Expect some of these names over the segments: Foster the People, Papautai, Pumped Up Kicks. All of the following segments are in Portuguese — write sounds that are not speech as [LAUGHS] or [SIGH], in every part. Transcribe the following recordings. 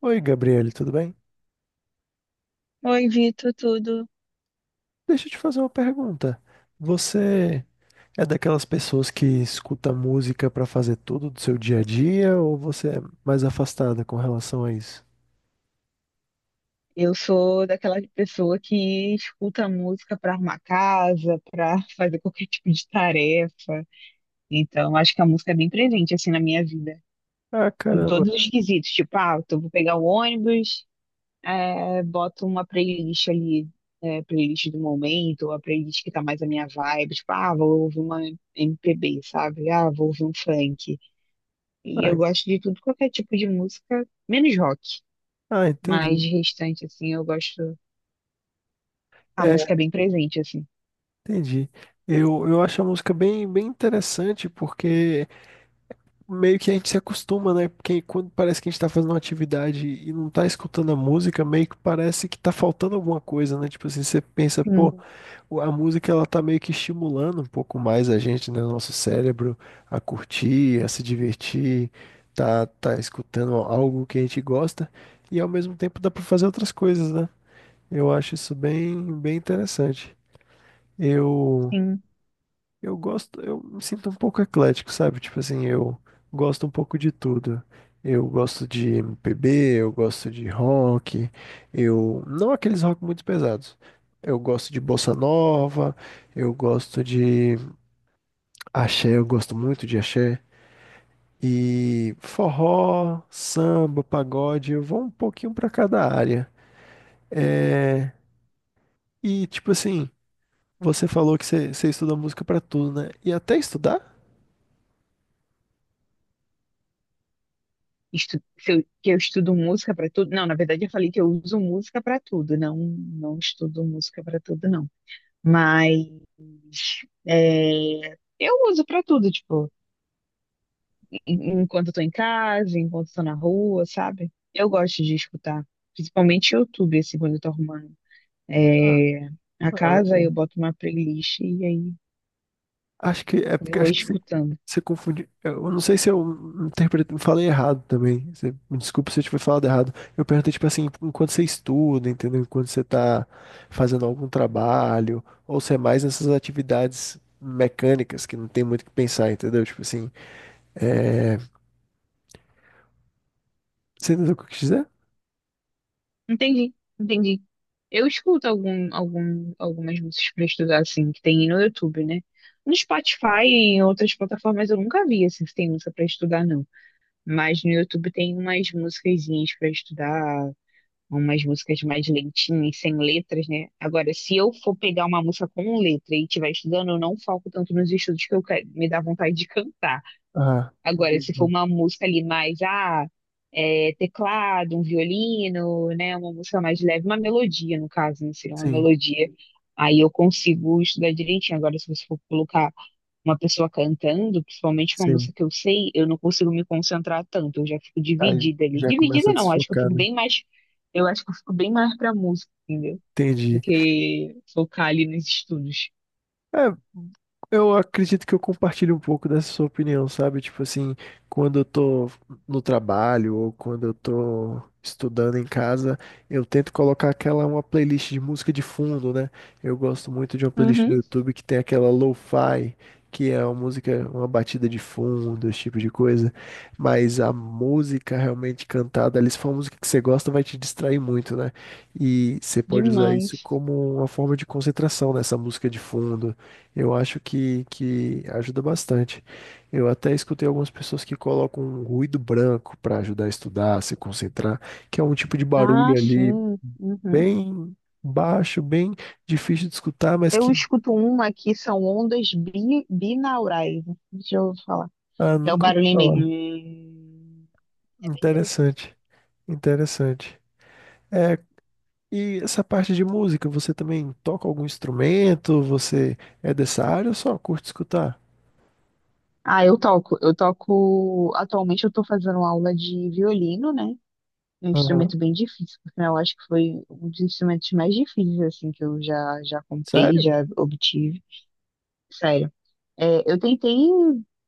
Oi, Gabriele, tudo bem? Oi, Vitor, tudo? Deixa eu te fazer uma pergunta. Você é daquelas pessoas que escuta música pra fazer tudo do seu dia a dia ou você é mais afastada com relação a isso? Eu sou daquela pessoa que escuta música para arrumar casa, para [LAUGHS] fazer qualquer tipo de tarefa. Então, acho que a música é bem presente assim na minha vida, Ah, em caramba. todos os quesitos. Tipo, eu vou pegar o ônibus, boto uma playlist ali, playlist do momento, ou a playlist que tá mais a minha vibe. Tipo, ah, vou ouvir uma MPB, sabe? Ah, vou ouvir um funk. E Ah, eu en- gosto de tudo, qualquer tipo de música, menos rock. Mas entendi. de restante, assim, eu gosto. A É, música é bem presente, assim. entendi. Eu acho a música bem, bem interessante porque meio que a gente se acostuma, né? Porque quando parece que a gente tá fazendo uma atividade e não tá escutando a música, meio que parece que tá faltando alguma coisa, né? Tipo assim, você pensa, pô, Sim, a música ela tá meio que estimulando um pouco mais a gente, né? O nosso cérebro a curtir, a se divertir, tá escutando algo que a gente gosta e ao mesmo tempo dá pra fazer outras coisas, né? Eu acho isso bem, bem interessante. Eu sim. eu gosto, eu me sinto um pouco eclético, sabe? Tipo assim, eu gosto um pouco de tudo. Eu gosto de MPB, eu gosto de rock, eu não aqueles rock muito pesados. Eu gosto de bossa nova, eu gosto de axé, eu gosto muito de axé e forró, samba, pagode, eu vou um pouquinho pra cada área. É, e tipo assim, você falou que você estuda música pra tudo, né? E até estudar? Estu- se eu- Que eu estudo música pra tudo? Não, na verdade eu falei que eu uso música pra tudo, não, não estudo música pra tudo, não. Mas é, eu uso pra tudo, tipo, enquanto eu tô em casa, enquanto eu tô na rua, sabe? Eu gosto de escutar, principalmente YouTube, assim, quando eu tô arrumando é, a Ah, casa, aí eu legal. boto uma playlist e aí Acho que é porque vou acho que você, escutando. você confundiu. Eu não sei se eu interpretei, falei errado também. Me desculpa se eu tiver falado errado. Eu perguntei, tipo assim, enquanto você estuda, entendeu? Enquanto você tá fazendo algum trabalho, ou se é mais nessas atividades mecânicas que não tem muito o que pensar, entendeu? Tipo assim, é... você entendeu o que eu quis dizer? Entendi, entendi. Eu escuto algumas músicas pra estudar, assim, que tem no YouTube, né? No Spotify e em outras plataformas eu nunca vi, assim, se tem música pra estudar, não. Mas no YouTube tem umas musiquezinhas pra estudar, umas músicas mais lentinhas, sem letras, né? Agora, se eu for pegar uma música com letra e estiver estudando, eu não foco tanto nos estudos que eu quero, me dá vontade de cantar. Ah, Agora, se for entendi. uma música ali mais, teclado, um violino, né? Uma música mais leve, uma melodia, no caso, né? Seria uma Sim, melodia. Aí eu consigo estudar direitinho. Agora, se você for colocar uma pessoa cantando, principalmente uma sim. música que eu sei, eu não consigo me concentrar tanto. Eu já fico Aí dividida ali. já começa Dividida a não, acho que eu desfocar, fico né? bem mais. Eu acho que eu fico bem mais pra música, entendeu? Do Entendi. que focar ali nos estudos. É, eu acredito que eu compartilho um pouco dessa sua opinião, sabe? Tipo assim, quando eu tô no trabalho ou quando eu tô estudando em casa, eu tento colocar aquela uma playlist de música de fundo, né? Eu gosto muito de uma playlist do Uhum, YouTube que tem aquela lo-fi, que é uma música, uma batida de fundo, esse tipo de coisa. Mas a música realmente cantada ali, se for uma música que você gosta, vai te distrair muito, né? E você pode usar isso demais. como uma forma de concentração nessa música de fundo eu acho que ajuda bastante. Eu até escutei algumas pessoas que colocam um ruído branco para ajudar a estudar, a se concentrar, que é um tipo de Ah, barulho ali sim. Uhum. bem baixo, bem difícil de escutar, mas Eu que escuto uma que são ondas binaurais. Deixa eu falar. ah, É o nunca ouvi barulhinho meio. falar. É bem interessante. Interessante, interessante. É, e essa parte de música, você também toca algum instrumento? Você é dessa área ou só curte escutar? Ah, eu toco. Eu toco. Atualmente eu tô fazendo aula de violino, né? Um Aham. instrumento bem difícil, porque eu acho que foi um dos instrumentos mais difíceis, assim, que eu já comprei, Sério? já obtive. Sério. É, eu tentei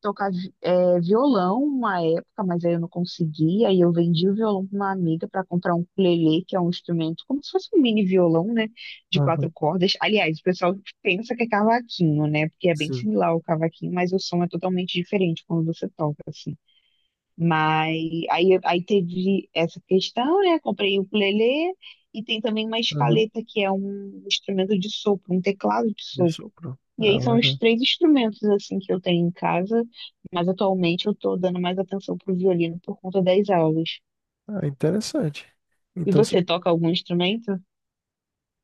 violão uma época, mas aí eu não consegui. Aí eu vendi o violão para uma amiga para comprar um ukulele, que é um instrumento como se fosse um mini violão, né? De quatro Aham. cordas. Aliás, o pessoal pensa que é cavaquinho, né? Porque é bem Sim. similar ao cavaquinho, mas o som é totalmente diferente quando você toca, assim. Mas aí teve essa questão, né? Comprei o ukulele e tem também uma Aham. escaleta, que é um instrumento de sopro, um teclado de De sopro. sopro? E Ah, aí são os legal. três instrumentos assim que eu tenho em casa, mas atualmente eu tô dando mais atenção pro violino por conta das aulas. Ah, interessante. E Então, se- você toca algum instrumento?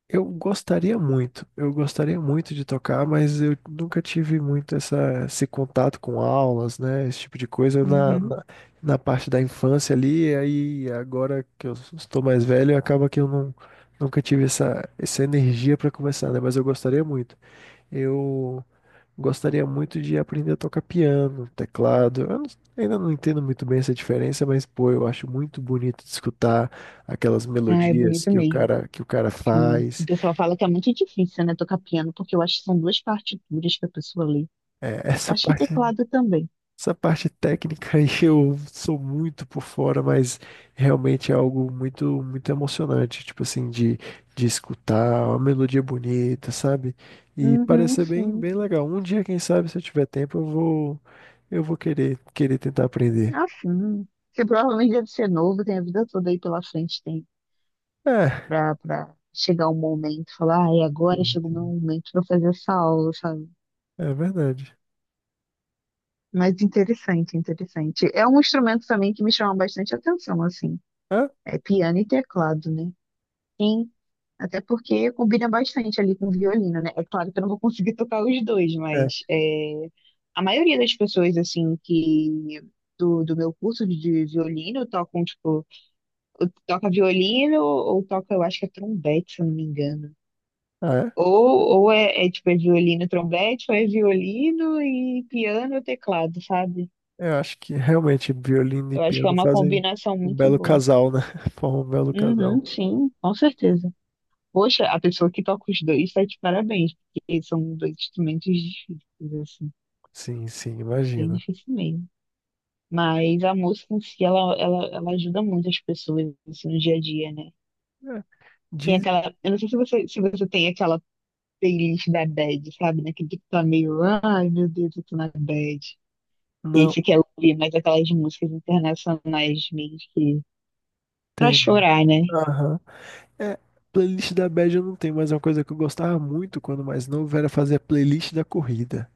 eu gostaria muito, eu gostaria muito de tocar, mas eu nunca tive muito essa, esse contato com aulas, né? Esse tipo de coisa Uhum. Na parte da infância ali, aí agora que eu estou mais velho, acaba que eu não, nunca tive essa, essa energia para começar, né? Mas eu gostaria muito. Eu Gostaria muito de aprender a tocar piano, teclado. Eu não- Ainda não entendo muito bem essa diferença, mas pô, eu acho muito bonito de escutar aquelas Ah, é melodias bonito mesmo. Que o cara Sim. O faz. pessoal fala que é muito difícil, né, tocar piano, porque eu acho que são duas partituras que a pessoa lê. É, [LAUGHS] Eu acho que teclado também. essa parte técnica aí [LAUGHS] eu sou muito por fora, mas realmente é algo muito muito emocionante, tipo assim, de escutar uma melodia bonita, sabe? E parece Uhum, ser bem sim. bem legal. Um dia, quem sabe, se eu tiver tempo, eu vou querer tentar aprender. Ah, sim. Você provavelmente deve ser novo, tem a vida toda aí pela frente, tem É, pra chegar um momento, falar, ai, agora sim, chegou o meu sim. momento pra eu fazer essa aula, sabe? É verdade. Mas interessante, interessante. É um instrumento também que me chama bastante atenção, assim. É, É piano e teclado, né? Sim, até porque combina bastante ali com violino, né? É claro que eu não vou conseguir [LAUGHS] tocar os dois, é, mas é, a maioria das pessoas, assim, que do meu curso de violino tocam, tipo, ou toca violino ou toca, eu acho que é trompete, se eu não me engano. Ah, é. Tipo, é violino, trompete, ou é violino e piano ou teclado, sabe? Eu acho que realmente violino e Eu acho que é piano uma fazem combinação um muito belo boa. casal, né? [LAUGHS] Formam um belo casal. Uhum, sim, com certeza. Poxa, a pessoa que toca os dois tá de parabéns, porque são dois instrumentos difíceis, assim, Sim, sim, bem imagino. difícil mesmo. Mas a música em si, ela ajuda muito as pessoas assim, no dia a dia, né? É, Tem diz, aquela, eu não sei se você tem aquela playlist da bad, sabe? Naquele que tá meio, ai meu Deus, eu tô na bad. E aí não, você quer ouvir mais aquelas músicas internacionais mesmo que, pra tem. chorar, né? Aham. É, playlist da bad eu não tenho, mas é uma coisa que eu gostava muito quando mais novo era fazer a playlist da corrida,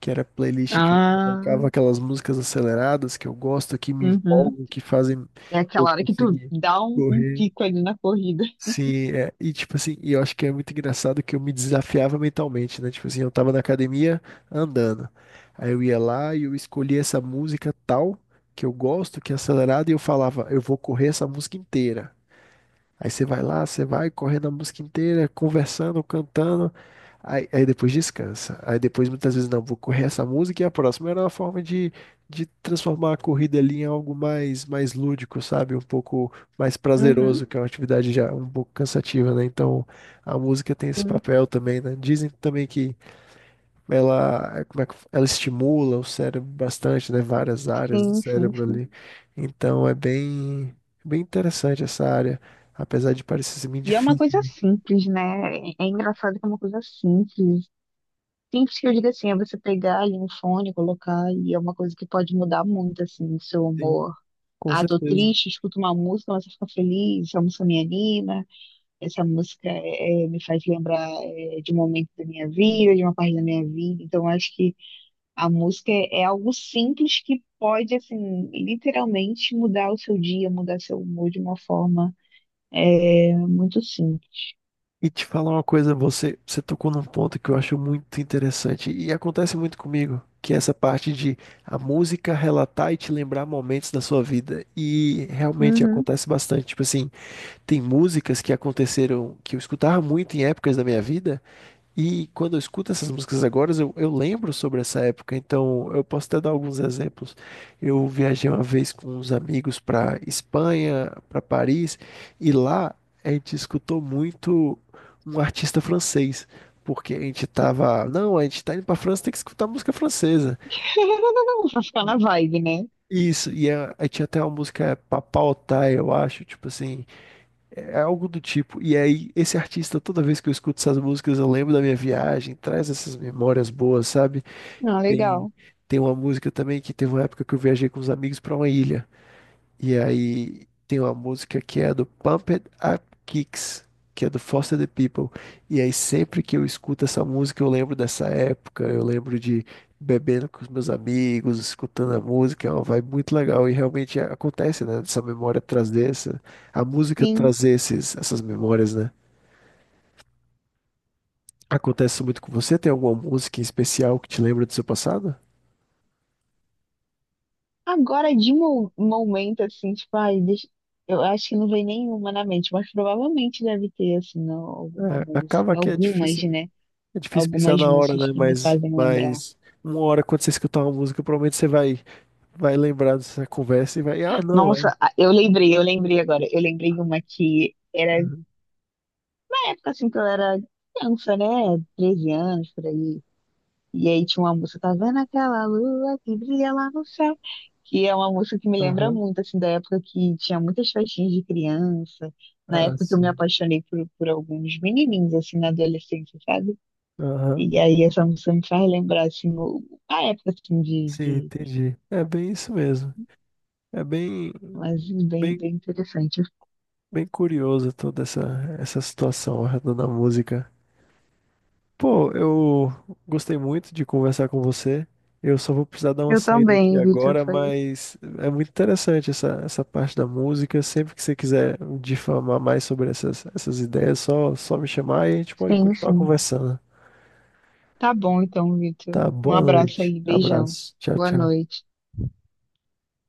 que era a playlist que eu Ah, colocava aquelas músicas aceleradas que eu gosto, que me uhum. empolgam, que fazem É eu aquela hora que tu conseguir dá um correr. pico ali na corrida. Sim, é, e tipo assim, e eu acho que é muito engraçado que eu me desafiava mentalmente, né? Tipo assim, eu tava na academia andando. Aí eu ia lá e eu escolhia essa música tal que eu gosto, que é acelerada, e eu falava, eu vou correr essa música inteira. Aí você vai lá, você vai correndo a música inteira, conversando, cantando. Aí depois descansa. Aí depois muitas vezes não, vou correr essa música e a próxima. Era uma forma de transformar a corrida ali em algo mais, mais lúdico, sabe? Um pouco mais Uhum, prazeroso, que é uma atividade já um pouco cansativa, né? Então a música tem esse sim, papel também, né? Dizem também que ela, como é que, ela estimula o cérebro bastante, né? Várias áreas do cérebro sim. ali. Então é bem, bem interessante essa área, apesar de parecer ser meio E é uma difícil, coisa né? simples, né? É é engraçado que é uma coisa simples. Simples que eu digo assim, é você pegar ali um fone, colocar, e é uma coisa que pode mudar muito, assim, o seu Sim, humor. com Ah, tô certeza. triste, escuto uma música, mas eu fico feliz, essa música me anima, essa música me faz lembrar de um momento da minha vida, de uma parte da minha vida. Então, acho que a música é, é algo simples que pode, assim, literalmente mudar o seu dia, mudar seu humor de uma forma muito simples. E te falar uma coisa, você tocou num ponto que eu acho muito interessante e acontece muito comigo, que é essa parte de a música relatar e te lembrar momentos da sua vida. E realmente Uhum. acontece bastante. Tipo assim, tem músicas que aconteceram, que eu escutava muito em épocas da minha vida. E quando eu escuto essas músicas agora, eu lembro sobre essa época, então eu posso até dar alguns exemplos. Eu viajei uma vez com uns amigos para Espanha, para Paris, e lá a gente escutou muito um artista francês, porque a gente tava, não, a gente tá indo para França, tem que escutar música francesa. [LAUGHS] Pra ficar na vibe, né? Isso, aí tinha até uma música Papautai, eu acho, tipo assim, é algo do tipo. E aí, esse artista, toda vez que eu escuto essas músicas, eu lembro da minha viagem, traz essas memórias boas, sabe? Ah, Tem, legal. Tem uma música também que teve uma época que eu viajei com os amigos para uma ilha. E aí tem uma música que é do Pumped Up Kicks, que é do Foster the People. E aí sempre que eu escuto essa música, eu lembro dessa época, eu lembro de bebendo com os meus amigos, escutando a música, é uma vibe muito legal. E realmente acontece, né? Essa memória traz dessa, a música Sim. traz essas memórias, né? Acontece muito com você? Tem alguma música em especial que te lembra do seu passado? Agora, de mo momento, assim, tipo, ai, deixa... eu acho que não vem nenhuma na mente, mas provavelmente deve ter, assim, não, alguma É, música. acaba que é Algumas, difícil. né? É difícil pensar Algumas na hora, músicas né? que me Mas, fazem lembrar. mas uma hora quando você escutar uma música, provavelmente você vai, vai lembrar dessa conversa e vai, ah, não, é. Nossa, ah, eu lembrei agora. Eu lembrei uma que era Aham, época assim que eu era criança, né? 13 anos por aí. E aí tinha uma música, tá vendo aquela lua que brilha lá no céu? Que é uma música que me lembra aham, muito, assim, da época que tinha muitas festinhas de criança, na ah, época que eu me sim. apaixonei por alguns menininhos, assim, na adolescência, sabe? Aham, E aí essa música me faz lembrar, assim, a época, assim, sim, de... entendi. É bem isso mesmo. É bem, Mas bem, bem, bem interessante. bem curioso toda essa situação da música. Pô, eu gostei muito de conversar com você. Eu só vou precisar dar uma Eu saída aqui também, Vitor, agora, foi... mas é muito interessante essa parte da música. Sempre que você quiser difamar mais sobre essas ideias, só me chamar e a gente pode Sim, continuar sim. conversando. Tá bom, então, Vitor. Tá? Um Boa abraço noite. aí, beijão. Abraço. Tchau, Boa tchau. noite.